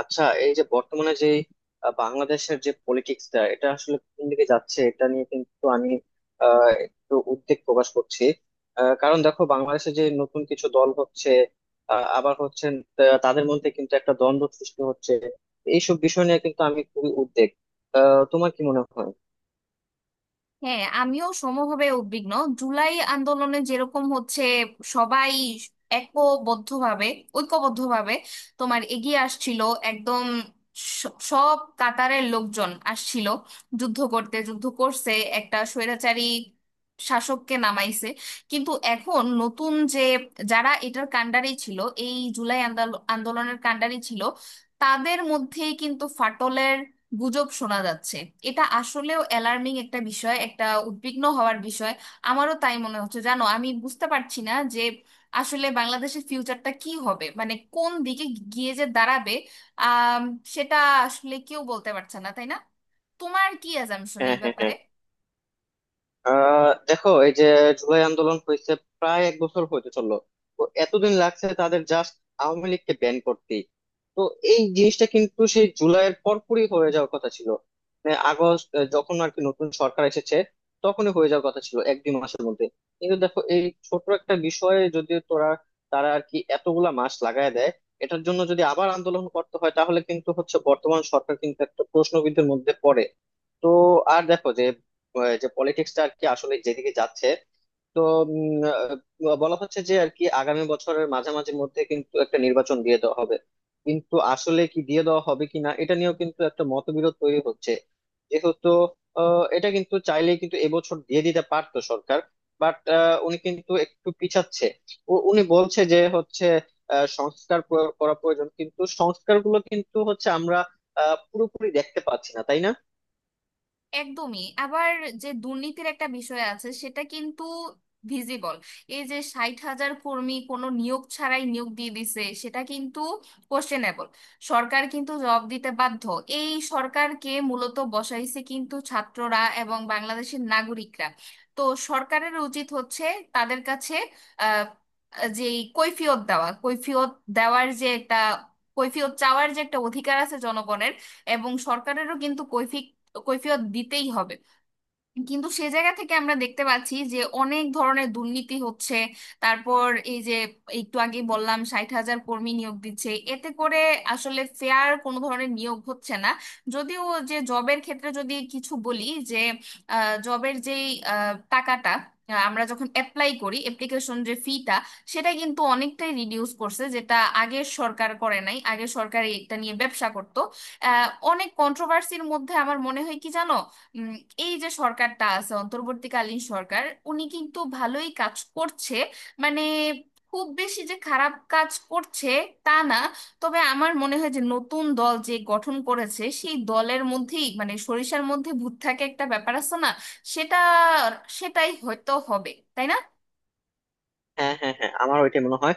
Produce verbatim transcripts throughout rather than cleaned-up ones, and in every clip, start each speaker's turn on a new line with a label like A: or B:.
A: আচ্ছা, এই যে বর্তমানে যে আহ, বাংলাদেশের যে পলিটিক্সটা এটা আসলে কোন দিকে যাচ্ছে এটা নিয়ে কিন্তু আমি আহ, একটু উদ্বেগ প্রকাশ করছি। আহ, কারণ দেখো, বাংলাদেশে যে নতুন কিছু দল হচ্ছে আহ, আবার হচ্ছে, তা- তাদের মধ্যে কিন্তু একটা দ্বন্দ্ব সৃষ্টি হচ্ছে। এইসব বিষয় নিয়ে কিন্তু আমি খুবই উদ্বেগ। আহ, তোমার কি মনে হয়?
B: হ্যাঁ, আমিও সমভাবে উদ্বিগ্ন। জুলাই আন্দোলনে যেরকম হচ্ছে সবাই একবদ্ধভাবে ঐক্যবদ্ধভাবে তোমার এগিয়ে আসছিল। একদম স- সব কাতারের লোকজন আসছিল, যুদ্ধ করতে যুদ্ধ করছে, একটা স্বৈরাচারী শাসককে নামাইছে। কিন্তু এখন নতুন যে, যারা এটার কাণ্ডারি ছিল, এই জুলাই আন্দোল- আন্দোলনের কাণ্ডারি ছিল, তাদের মধ্যেই কিন্তু ফাটলের গুজব শোনা যাচ্ছে। এটা আসলেও অ্যালার্মিং একটা বিষয়, একটা উদ্বিগ্ন হওয়ার বিষয়। আমারও তাই মনে হচ্ছে, জানো, আমি বুঝতে পারছি না যে আসলে বাংলাদেশের ফিউচারটা কি হবে, মানে কোন দিকে গিয়ে যে দাঁড়াবে, আহ সেটা আসলে কেউ বলতে পারছে না, তাই না? তোমার কি অ্যাজাম্পশন এই
A: হ্যাঁ, হ্যাঁ,
B: ব্যাপারে?
A: হ্যাঁ। আহ দেখো, এই যে জুলাই আন্দোলন হয়েছে, প্রায় এক বছর হতে চললো। তো এতদিন লাগছে তাদের জাস্ট আওয়ামী লীগকে ব্যান করতে। তো এই জিনিসটা কিন্তু সেই জুলাইয়ের পরপরই হয়ে যাওয়ার কথা ছিল, মানে আগস্ট, আহ, যখন আর কি নতুন সরকার এসেছে, তখনই হয়ে যাওয়ার কথা ছিল এক দুই মাসের মধ্যে। কিন্তু দেখো, এই ছোট একটা বিষয়ে যদি তোরা তারা আর কি এতগুলা মাস লাগায় দেয়, এটার জন্য যদি আবার আন্দোলন করতে হয়, তাহলে কিন্তু হচ্ছে বর্তমান সরকার কিন্তু একটা প্রশ্নবিদ্ধের মধ্যে পড়ে। তো আর দেখো যে আহ, যে পলিটিক্সটা আর কি আসলে যেদিকে যাচ্ছে। তো উম, আহ, বলা হচ্ছে যে আর কি আগামী বছরের মাঝামাঝির মধ্যে কিন্তু একটা নির্বাচন দিয়ে দেওয়া হবে। কিন্তু আসলে কি দিয়ে দেওয়া হবে কিনা এটা নিয়েও কিন্তু একটা মতবিরোধ তৈরি হচ্ছে, যেহেতু আহ, এটা কিন্তু চাইলেই কিন্তু এবছর দিয়ে দিতে পারতো সরকার। বাট উনি কিন্তু একটু পিছাচ্ছে। উ- উনি বলছে যে হচ্ছে আহ, সংস্কার প্র- করা প্রয়োজন, কিন্তু সংস্কারগুলো কিন্তু হচ্ছে আমরা আহ, পুরোপুরি দেখতে পাচ্ছি না, তাই না?
B: একদমই। আবার যে দুর্নীতির একটা বিষয় আছে সেটা কিন্তু ভিজিবল। এই যে ষাট হাজার কর্মী কোনো নিয়োগ ছাড়াই নিয়োগ দিয়ে দিছে, সেটা কিন্তু কোশ্চেনেবল। সরকার কিন্তু জবাব দিতে বাধ্য। এই সরকারকে মূলত বসাইছে কিন্তু ছাত্ররা এবং বাংলাদেশের নাগরিকরা। তো সরকারের উচিত হচ্ছে তাদের কাছে আহ যে কৈফিয়ত দেওয়া, কৈফিয়ত দেওয়ার যে একটা, কৈফিয়ত চাওয়ার যে একটা অধিকার আছে জনগণের, এবং সরকারেরও কিন্তু কৈফিয়ত কৈফিয়ত দিতেই হবে। কিন্তু সে জায়গা থেকে আমরা দেখতে পাচ্ছি যে অনেক ধরনের দুর্নীতি হচ্ছে। তারপর এই যে একটু আগে বললাম ষাট হাজার কর্মী নিয়োগ দিচ্ছে, এতে করে আসলে ফেয়ার কোনো ধরনের নিয়োগ হচ্ছে না। যদিও যে জবের ক্ষেত্রে যদি কিছু বলি, যে জবের যেই আহ, টাকাটা, আহ, আমরা যখন অ্যাপ্লাই করি অ্যাপ্লিকেশন যে ফিটা, সেটা কিন্তু অনেকটাই রিডিউস করছে, যেটা আগের সরকার করে নাই। আগের সরকার এটা নিয়ে ব্যবসা করতো। আহ, অনেক কন্ট্রোভার্সির মধ্যে আমার মনে হয় কি জানো, উম, এই যে সরকারটা আছে অন্তর্বর্তীকালীন সরকার, উনি কিন্তু ভালোই কাজ করছে। মানে খুব বেশি যে খারাপ কাজ করছে তা না। তবে আমার মনে হয় যে নতুন দল যে গঠন করেছে সেই দলের মধ্যেই, মানে সরিষার মধ্যে ভূত থাকে একটা ব্যাপার আছে না, সেটা সেটাই হয়তো হবে, তাই না?
A: হ্যাঁ, হ্যাঁ, হ্যাঁ, আমার ওইটাই মনে হয়।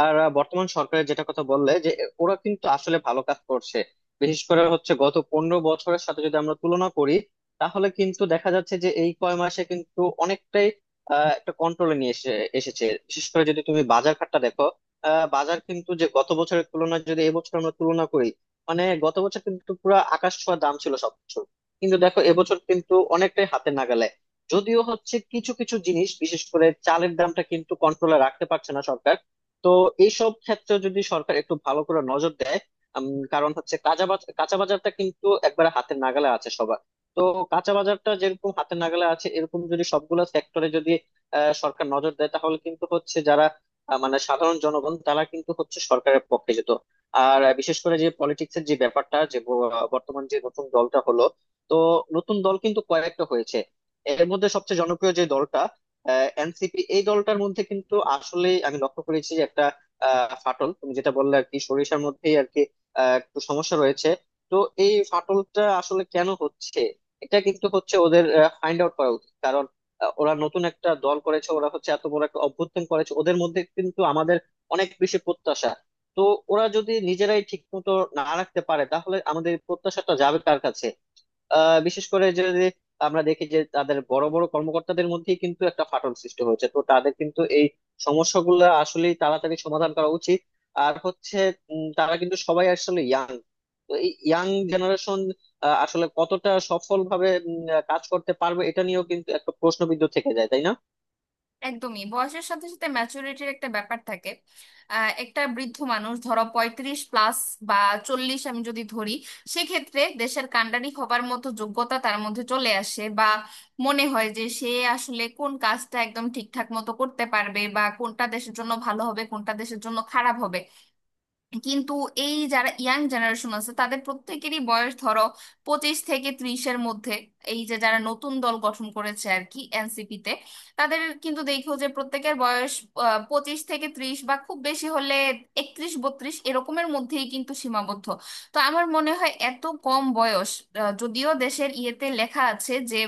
A: আর আহ, বর্তমান সরকারের যেটা কথা বললে যে ওরা কিন্তু আসলে ভালো কাজ করছে। বিশেষ করে হচ্ছে গত পনেরো বছরের সাথে যদি আমরা তুলনা করি, তাহলে কিন্তু দেখা যাচ্ছে যে এই কয় মাসে কিন্তু অনেকটাই আহ, একটা কন্ট্রোলে নিয়ে এসে এসেছে। বিশেষ করে যদি তুমি বাজার ঘাটটা দেখো, আহ, বাজার কিন্তু যে গত বছরের তুলনায় যদি এবছর আমরা তুলনা করি, মানে গত বছর কিন্তু পুরো আকাশ ছোঁয়া দাম ছিল সবকিছু। কিন্তু দেখো এবছর কিন্তু অনেকটাই হাতে নাগালে। যদিও হচ্ছে কিছু কিছু জিনিস, বিশেষ করে চালের দামটা কিন্তু কন্ট্রোলে রাখতে পারছে না সরকার। তো এইসব ক্ষেত্রে যদি সরকার একটু ভালো করে নজর দেয়। উম, কারণ হচ্ছে কাঁচা বাজার কাঁচা বাজারটা কিন্তু একবারে হাতের নাগালে আছে সবার। তো কাঁচা বাজারটা যেরকম হাতের নাগালে আছে, এরকম যদি সবগুলো সেক্টরে যদি আহ, সরকার নজর দেয়, তাহলে কিন্তু হচ্ছে যারা আহ, মানে সাধারণ জনগণ তারা কিন্তু হচ্ছে সরকারের পক্ষে যেত। আর আহ, বিশেষ করে যে পলিটিক্সের যে ব্যাপারটা, যে ব- বর্তমান যে নতুন দলটা হলো, তো নতুন দল কিন্তু কয়েকটা হয়েছে। এর মধ্যে সবচেয়ে জনপ্রিয় যে দলটা এনসিপি, এই দলটার মধ্যে কিন্তু আসলে আমি লক্ষ্য করেছি যে একটা আহ, ফাটল, তুমি যেটা বললে আর কি সরিষার মধ্যেই আর কি, আহ, একটু সমস্যা রয়েছে। তো এই ফাটলটা আসলে কেন হচ্ছে, এটা কিন্তু হচ্ছে ওদের ফাইন্ড আউট করা উচিত। কারণ আহ, ওরা নতুন একটা দল করেছে, ওরা হচ্ছে এত বড় একটা অভ্যুত্থান করেছে, ওদের মধ্যে কিন্তু আমাদের অনেক বেশি প্রত্যাশা। তো ওরা যদি নিজেরাই ঠিক মতো না রাখতে পারে, তাহলে আমাদের প্রত্যাশাটা যাবে কার কাছে? আহ বিশেষ করে যদি আমরা দেখি যে তাদের বড় বড় কর্মকর্তাদের মধ্যেই কিন্তু একটা ফাটল সৃষ্টি হয়েছে, তো তাদের কিন্তু এই সমস্যাগুলো আসলেই তাড়াতাড়ি সমাধান করা উচিত। আর হচ্ছে উম, তারা কিন্তু সবাই আসলে ইয়াং। তো এই ইয়াং জেনারেশন আসলে কতটা সফলভাবে উম, কাজ করতে পারবে, এটা নিয়েও কিন্তু একটা প্রশ্নবিদ্ধ থেকে যায়, তাই না?
B: একদমই, বয়সের সাথে সাথে ম্যাচুরিটির একটা ব্যাপার থাকে। আহ, একটা বৃদ্ধ মানুষ ধরো পঁয়ত্রিশ প্লাস বা চল্লিশ আমি যদি ধরি, সেক্ষেত্রে দেশের কাণ্ডারি হবার মতো যোগ্যতা তার মধ্যে চলে আসে, বা মনে হয় যে সে আসলে কোন কাজটা একদম ঠিকঠাক মতো করতে পারবে, বা কোনটা দেশের জন্য ভালো হবে কোনটা দেশের জন্য খারাপ হবে। কিন্তু এই যারা ইয়াং জেনারেশন আছে, তাদের প্রত্যেকেরই বয়স ধরো পঁচিশ থেকে ত্রিশের মধ্যে। এই যে যারা নতুন দল গঠন করেছে আর কি এনসিপি তে, তাদের কিন্তু দেখো যে প্রত্যেকের বয়স আহ, পঁচিশ থেকে ত্রিশ, বা খুব বেশি হলে একত্রিশ বত্রিশ এরকমের মধ্যেই কিন্তু সীমাবদ্ধ। তো আমার মনে হয় এত কম বয়স, আহ, যদিও দেশের ইয়েতে লেখা আছে যে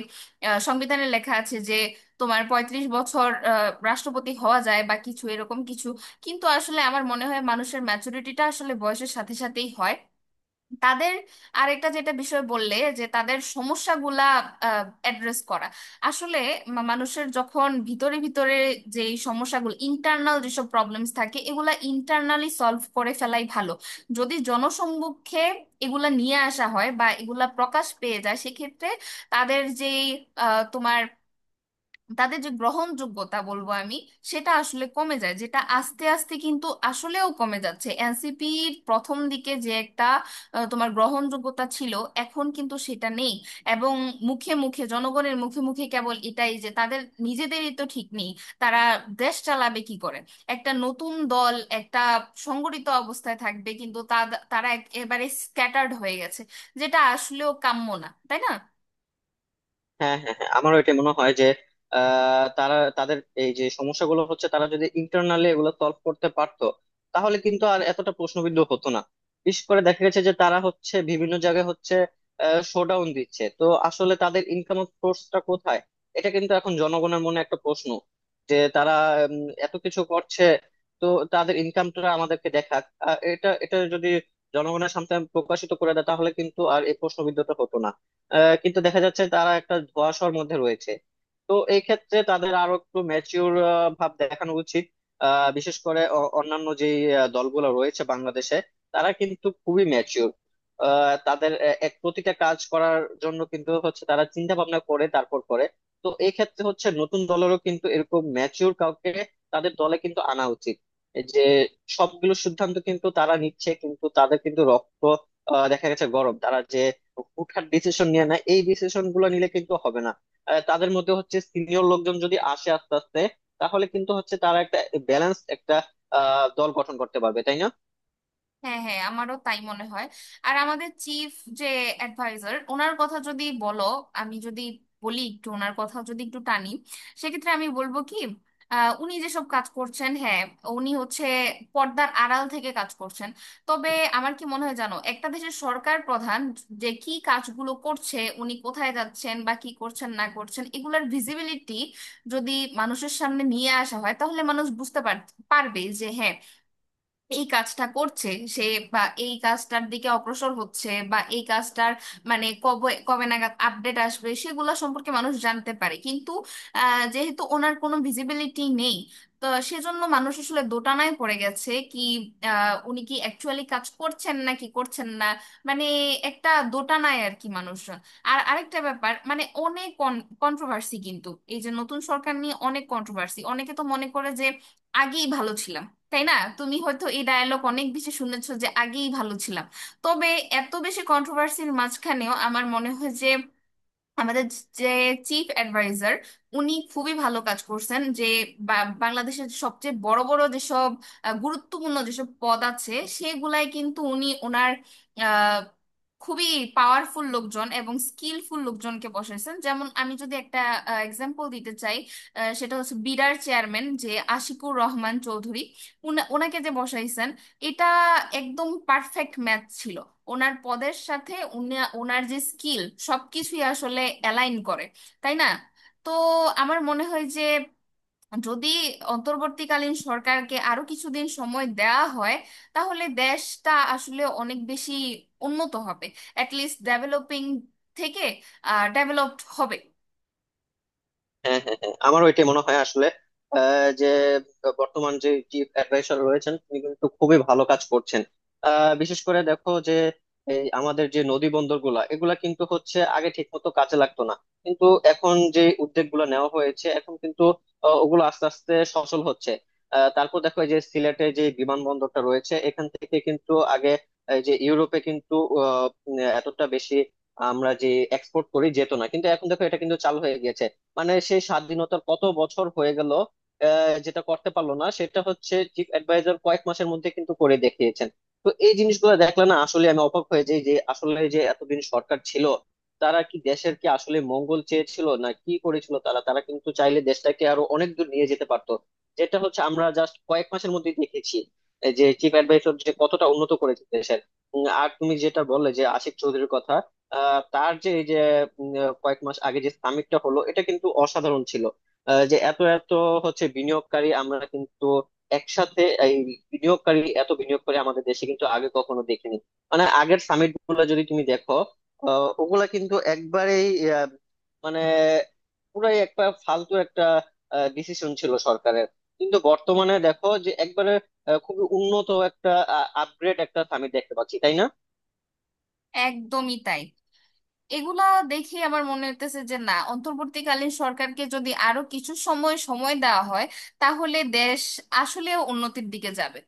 B: আহ, সংবিধানে লেখা আছে যে তোমার পঁয়ত্রিশ বছর আহ, রাষ্ট্রপতি হওয়া যায় বা কিছু এরকম কিছু। কিন্তু আসলে আমার মনে হয় মানুষের ম্যাচুরিটিটা আসলে বয়সের সাথে সাথেই হয়। তাদের আরেকটা যেটা বিষয় বললে যে তাদের সমস্যাগুলা অ্যাড্রেস করা আসলে, মা- মানুষের যখন ভিতরে ভিতরে যে সমস্যাগুলো ইন্টারনাল যেসব প্রবলেমস থাকে, এগুলা ইন্টারনালি সলভ করে ফেলাই ভালো। যদি জনসম্মুখে এগুলা নিয়ে আসা হয় বা এগুলা প্রকাশ পেয়ে যায়, সেক্ষেত্রে তাদের যেই আহ, তোমার তাদের যে গ্রহণযোগ্যতা বলবো আমি, সেটা আসলে কমে যায়, যেটা আস্তে আস্তে কিন্তু আসলেও কমে যাচ্ছে। এনসিপির প্রথম দিকে যে একটা আহ, তোমার গ্রহণযোগ্যতা ছিল, এখন কিন্তু সেটা নেই। এবং মুখে মুখে জনগণের মুখে মুখে কেবল এটাই যে তাদের নিজেদেরই তো ঠিক নেই, তারা দেশ চালাবে কি করে। একটা নতুন দল একটা সংগঠিত অবস্থায় থাকবে, কিন্তু তা, তারা একেবারে স্ক্যাটার্ড হয়ে গেছে, যেটা আসলেও কাম্য না, তাই না?
A: হ্যাঁ, হ্যাঁ, হ্যাঁ, আমারও এটা মনে হয় যে আহ, তারা তাদের এই যে সমস্যাগুলো হচ্ছে, তারা যদি ইন্টারনালি এগুলো সলভ করতে পারতো, তাহলে কিন্তু আর এতটা প্রশ্নবিদ্ধ হতো না। বিশেষ করে দেখা গেছে যে তারা হচ্ছে বিভিন্ন জায়গায় হচ্ছে শোডাউন দিচ্ছে, তো আসলে তাদের ইনকাম সোর্সটা কোথায়? এটা কিন্তু এখন জনগণের মনে একটা প্রশ্ন যে তারা উম, এত কিছু করছে। তো তাদের ইনকামটা আমাদেরকে দেখাক, আহ, এটা এটা যদি জনগণের সামনে প্রকাশিত করে দেয়, তাহলে কিন্তু আর এই প্রশ্নবিদ্ধতা হতো না। আহ, কিন্তু দেখা যাচ্ছে তারা একটা ধোঁয়াশার মধ্যে রয়েছে। তো এই ক্ষেত্রে তাদের আরো একটু ম্যাচিউর ভাব দেখানো উচিত। আহ, বিশেষ করে অ- অন্যান্য যে আহ, দলগুলো রয়েছে বাংলাদেশে, তারা কিন্তু খুবই ম্যাচিউর। তাদের আহ, এক প্রতিটা কাজ করার জন্য কিন্তু হচ্ছে তারা চিন্তা ভাবনা করে তারপর করে। তো এই ক্ষেত্রে হচ্ছে নতুন দলেরও কিন্তু এরকম ম্যাচিউর কাউকে তাদের দলে কিন্তু আনা উচিত। এই যে সবগুলো সিদ্ধান্ত কিন্তু তারা নিচ্ছে, কিন্তু তাদের কিন্তু রক্ত আহ, দেখা গেছে গরম, তারা যে হুটহাট ডিসিশন নিয়ে না, এই ডিসিশন গুলো নিলে কিন্তু হবে না। আহ, তাদের মধ্যে হচ্ছে সিনিয়র লোকজন যদি আসে আস্তে আস্তে, তাহলে কিন্তু হচ্ছে তারা একটা ব্যালেন্স একটা আহ দল গঠন করতে পারবে, তাই না?
B: হ্যাঁ, হ্যাঁ, আমারও তাই মনে হয়। আর আমাদের চিফ যে অ্যাডভাইজার, ওনার কথা যদি বলো, আমি যদি বলি একটু ওনার কথা যদি একটু টানি, সেক্ষেত্রে আমি বলবো কি, আহ, উনি যেসব কাজ করছেন, হ্যাঁ, উনি হচ্ছে পর্দার আড়াল থেকে কাজ করছেন। তবে আমার কি মনে হয় জানো, একটা দেশের সরকার প্রধান যে কি কাজগুলো করছে, উনি কোথায় যাচ্ছেন বা কি করছেন না করছেন, এগুলোর ভিজিবিলিটি যদি মানুষের সামনে নিয়ে আসা হয়, তাহলে মানুষ বুঝতে পার- পারবে যে হ্যাঁ, এই কাজটা করছে সে, বা এই কাজটার দিকে অগ্রসর হচ্ছে, বা এই কাজটার মানে কবে কবে নাগাদ আপডেট আসবে সেগুলো সম্পর্কে মানুষ জানতে পারে। কিন্তু আহ, যেহেতু ওনার কোনো ভিজিবিলিটি নেই, তো সেজন্য মানুষ আসলে দোটানায় পড়ে গেছে কি আহ, উনি কি অ্যাকচুয়ালি কাজ করছেন না কি করছেন না, মানে একটা দোটানায় আর কি মানুষজন। আর আরেকটা ব্যাপার, মানে অনেক কন্ট্রোভার্সি কিন্তু, এই যে নতুন সরকার নিয়ে অনেক কন্ট্রোভার্সি, অনেকে তো মনে করে যে আগেই ভালো ছিলাম, তাই না? তুমি হয়তো এই ডায়ালগ অনেক বেশি শুনেছো যে আগেই ভালো ছিলাম। তবে এত বেশি কন্ট্রোভার্সির মাঝখানেও আমার মনে হয় যে আমাদের যে চিফ অ্যাডভাইজার, উনি খুবই ভালো কাজ করছেন। যে বা- বাংলাদেশের সবচেয়ে বড় বড় যেসব আহ, গুরুত্বপূর্ণ যেসব পদ আছে, সেগুলাই কিন্তু উনি ওনার খুবই পাওয়ারফুল লোকজন এবং স্কিলফুল লোকজনকে বসাইছেন। যেমন আমি যদি একটা এক্সাম্পল দিতে চাই, আহ, সেটা হচ্ছে বিডার চেয়ারম্যান যে আশিকুর রহমান চৌধুরী, উনা- ওনাকে যে বসাইছেন, এটা একদম পারফেক্ট ম্যাচ ছিল। ওনার পদের সাথে উনা- ওনার যে স্কিল সবকিছুই আসলে অ্যালাইন করে, তাই না? তো আমার মনে হয় যে যদি অন্তর্বর্তীকালীন সরকারকে আরো কিছুদিন সময় দেওয়া হয়, তাহলে দেশটা আসলে অনেক বেশি উন্নত হবে, অ্যাটলিস্ট ডেভেলপিং থেকে ডেভেলপড হবে।
A: হ্যাঁ, হ্যাঁ, হ্যাঁ, আমারও এটাই মনে হয় আসলে। আহ, যে বর্তমান যে চিফ অ্যাডভাইসার রয়েছেন, তিনি কিন্তু খুবই ভালো কাজ করছেন। আহ, বিশেষ করে দেখো যে এই আমাদের যে নদী বন্দর গুলা এগুলা কিন্তু হচ্ছে আগে ঠিক মতো কাজে লাগতো না। কিন্তু এখন যে উদ্যোগ গুলো নেওয়া হয়েছে এখন কিন্তু আহ, ওগুলো আস্তে আস্তে সচল হচ্ছে। আহ, তারপর দেখো, এই যে সিলেটে যে বিমানবন্দরটা রয়েছে এখান থেকে কিন্তু আগে, এই যে ইউরোপে কিন্তু আহ, উম, এতটা বেশি আমরা যে এক্সপোর্ট করি যেত না, কিন্তু এখন দেখো এটা কিন্তু চালু হয়ে গেছে। মানে সেই স্বাধীনতার কত বছর হয়ে গেল, আহ, যেটা করতে পারলো না সেটা হচ্ছে চিফ অ্যাডভাইজার কয়েক মাসের মধ্যে কিন্তু করে দেখিয়েছেন। তো এই জিনিসগুলো দেখলে না আসলে আমি অবাক হয়ে যাই যে আসলে যে এতদিন সরকার ছিল, তারা কি দেশের কি আসলে মঙ্গল চেয়েছিল না কি করেছিল, তারা তারা কিন্তু চাইলে দেশটাকে আরো অনেক দূর নিয়ে যেতে পারতো, যেটা হচ্ছে আমরা জাস্ট কয়েক মাসের মধ্যে দেখেছি, এই যে চিফ অ্যাডভাইজার যে কতটা উন্নত করেছে দেশের। উম, আর তুমি যেটা বললে যে আশিক চৌধুরীর কথা, আহ, তার যে এই যে উম, আহ, কয়েক মাস আগে যে সামিটটা হলো এটা কিন্তু অসাধারণ ছিল। আহ, যে এত এত হচ্ছে বিনিয়োগকারী আমরা কিন্তু একসাথে এই বিনিয়োগকারী, এত বিনিয়োগকারী আমাদের দেশে কিন্তু আগে কখনো দেখিনি। মানে আগের সামিট গুলো যদি তুমি দেখো, আহ, ওগুলা কিন্তু একবারেই আহ, মানে পুরাই একটা ফালতু একটা ডিসিশন ছিল সরকারের। কিন্তু বর্তমানে দেখো যে একবারে আহ, খুবই উন্নত একটা আপগ্রেড একটা সামিট দেখতে পাচ্ছি, তাই না?
B: একদমই তাই। এগুলা দেখে আমার মনে হইতেছে যে না, অন্তর্বর্তীকালীন সরকারকে যদি আরো কিছু সময় সময় দেওয়া হয়, তাহলে দেশ আসলে উন্নতির দিকে যাবে।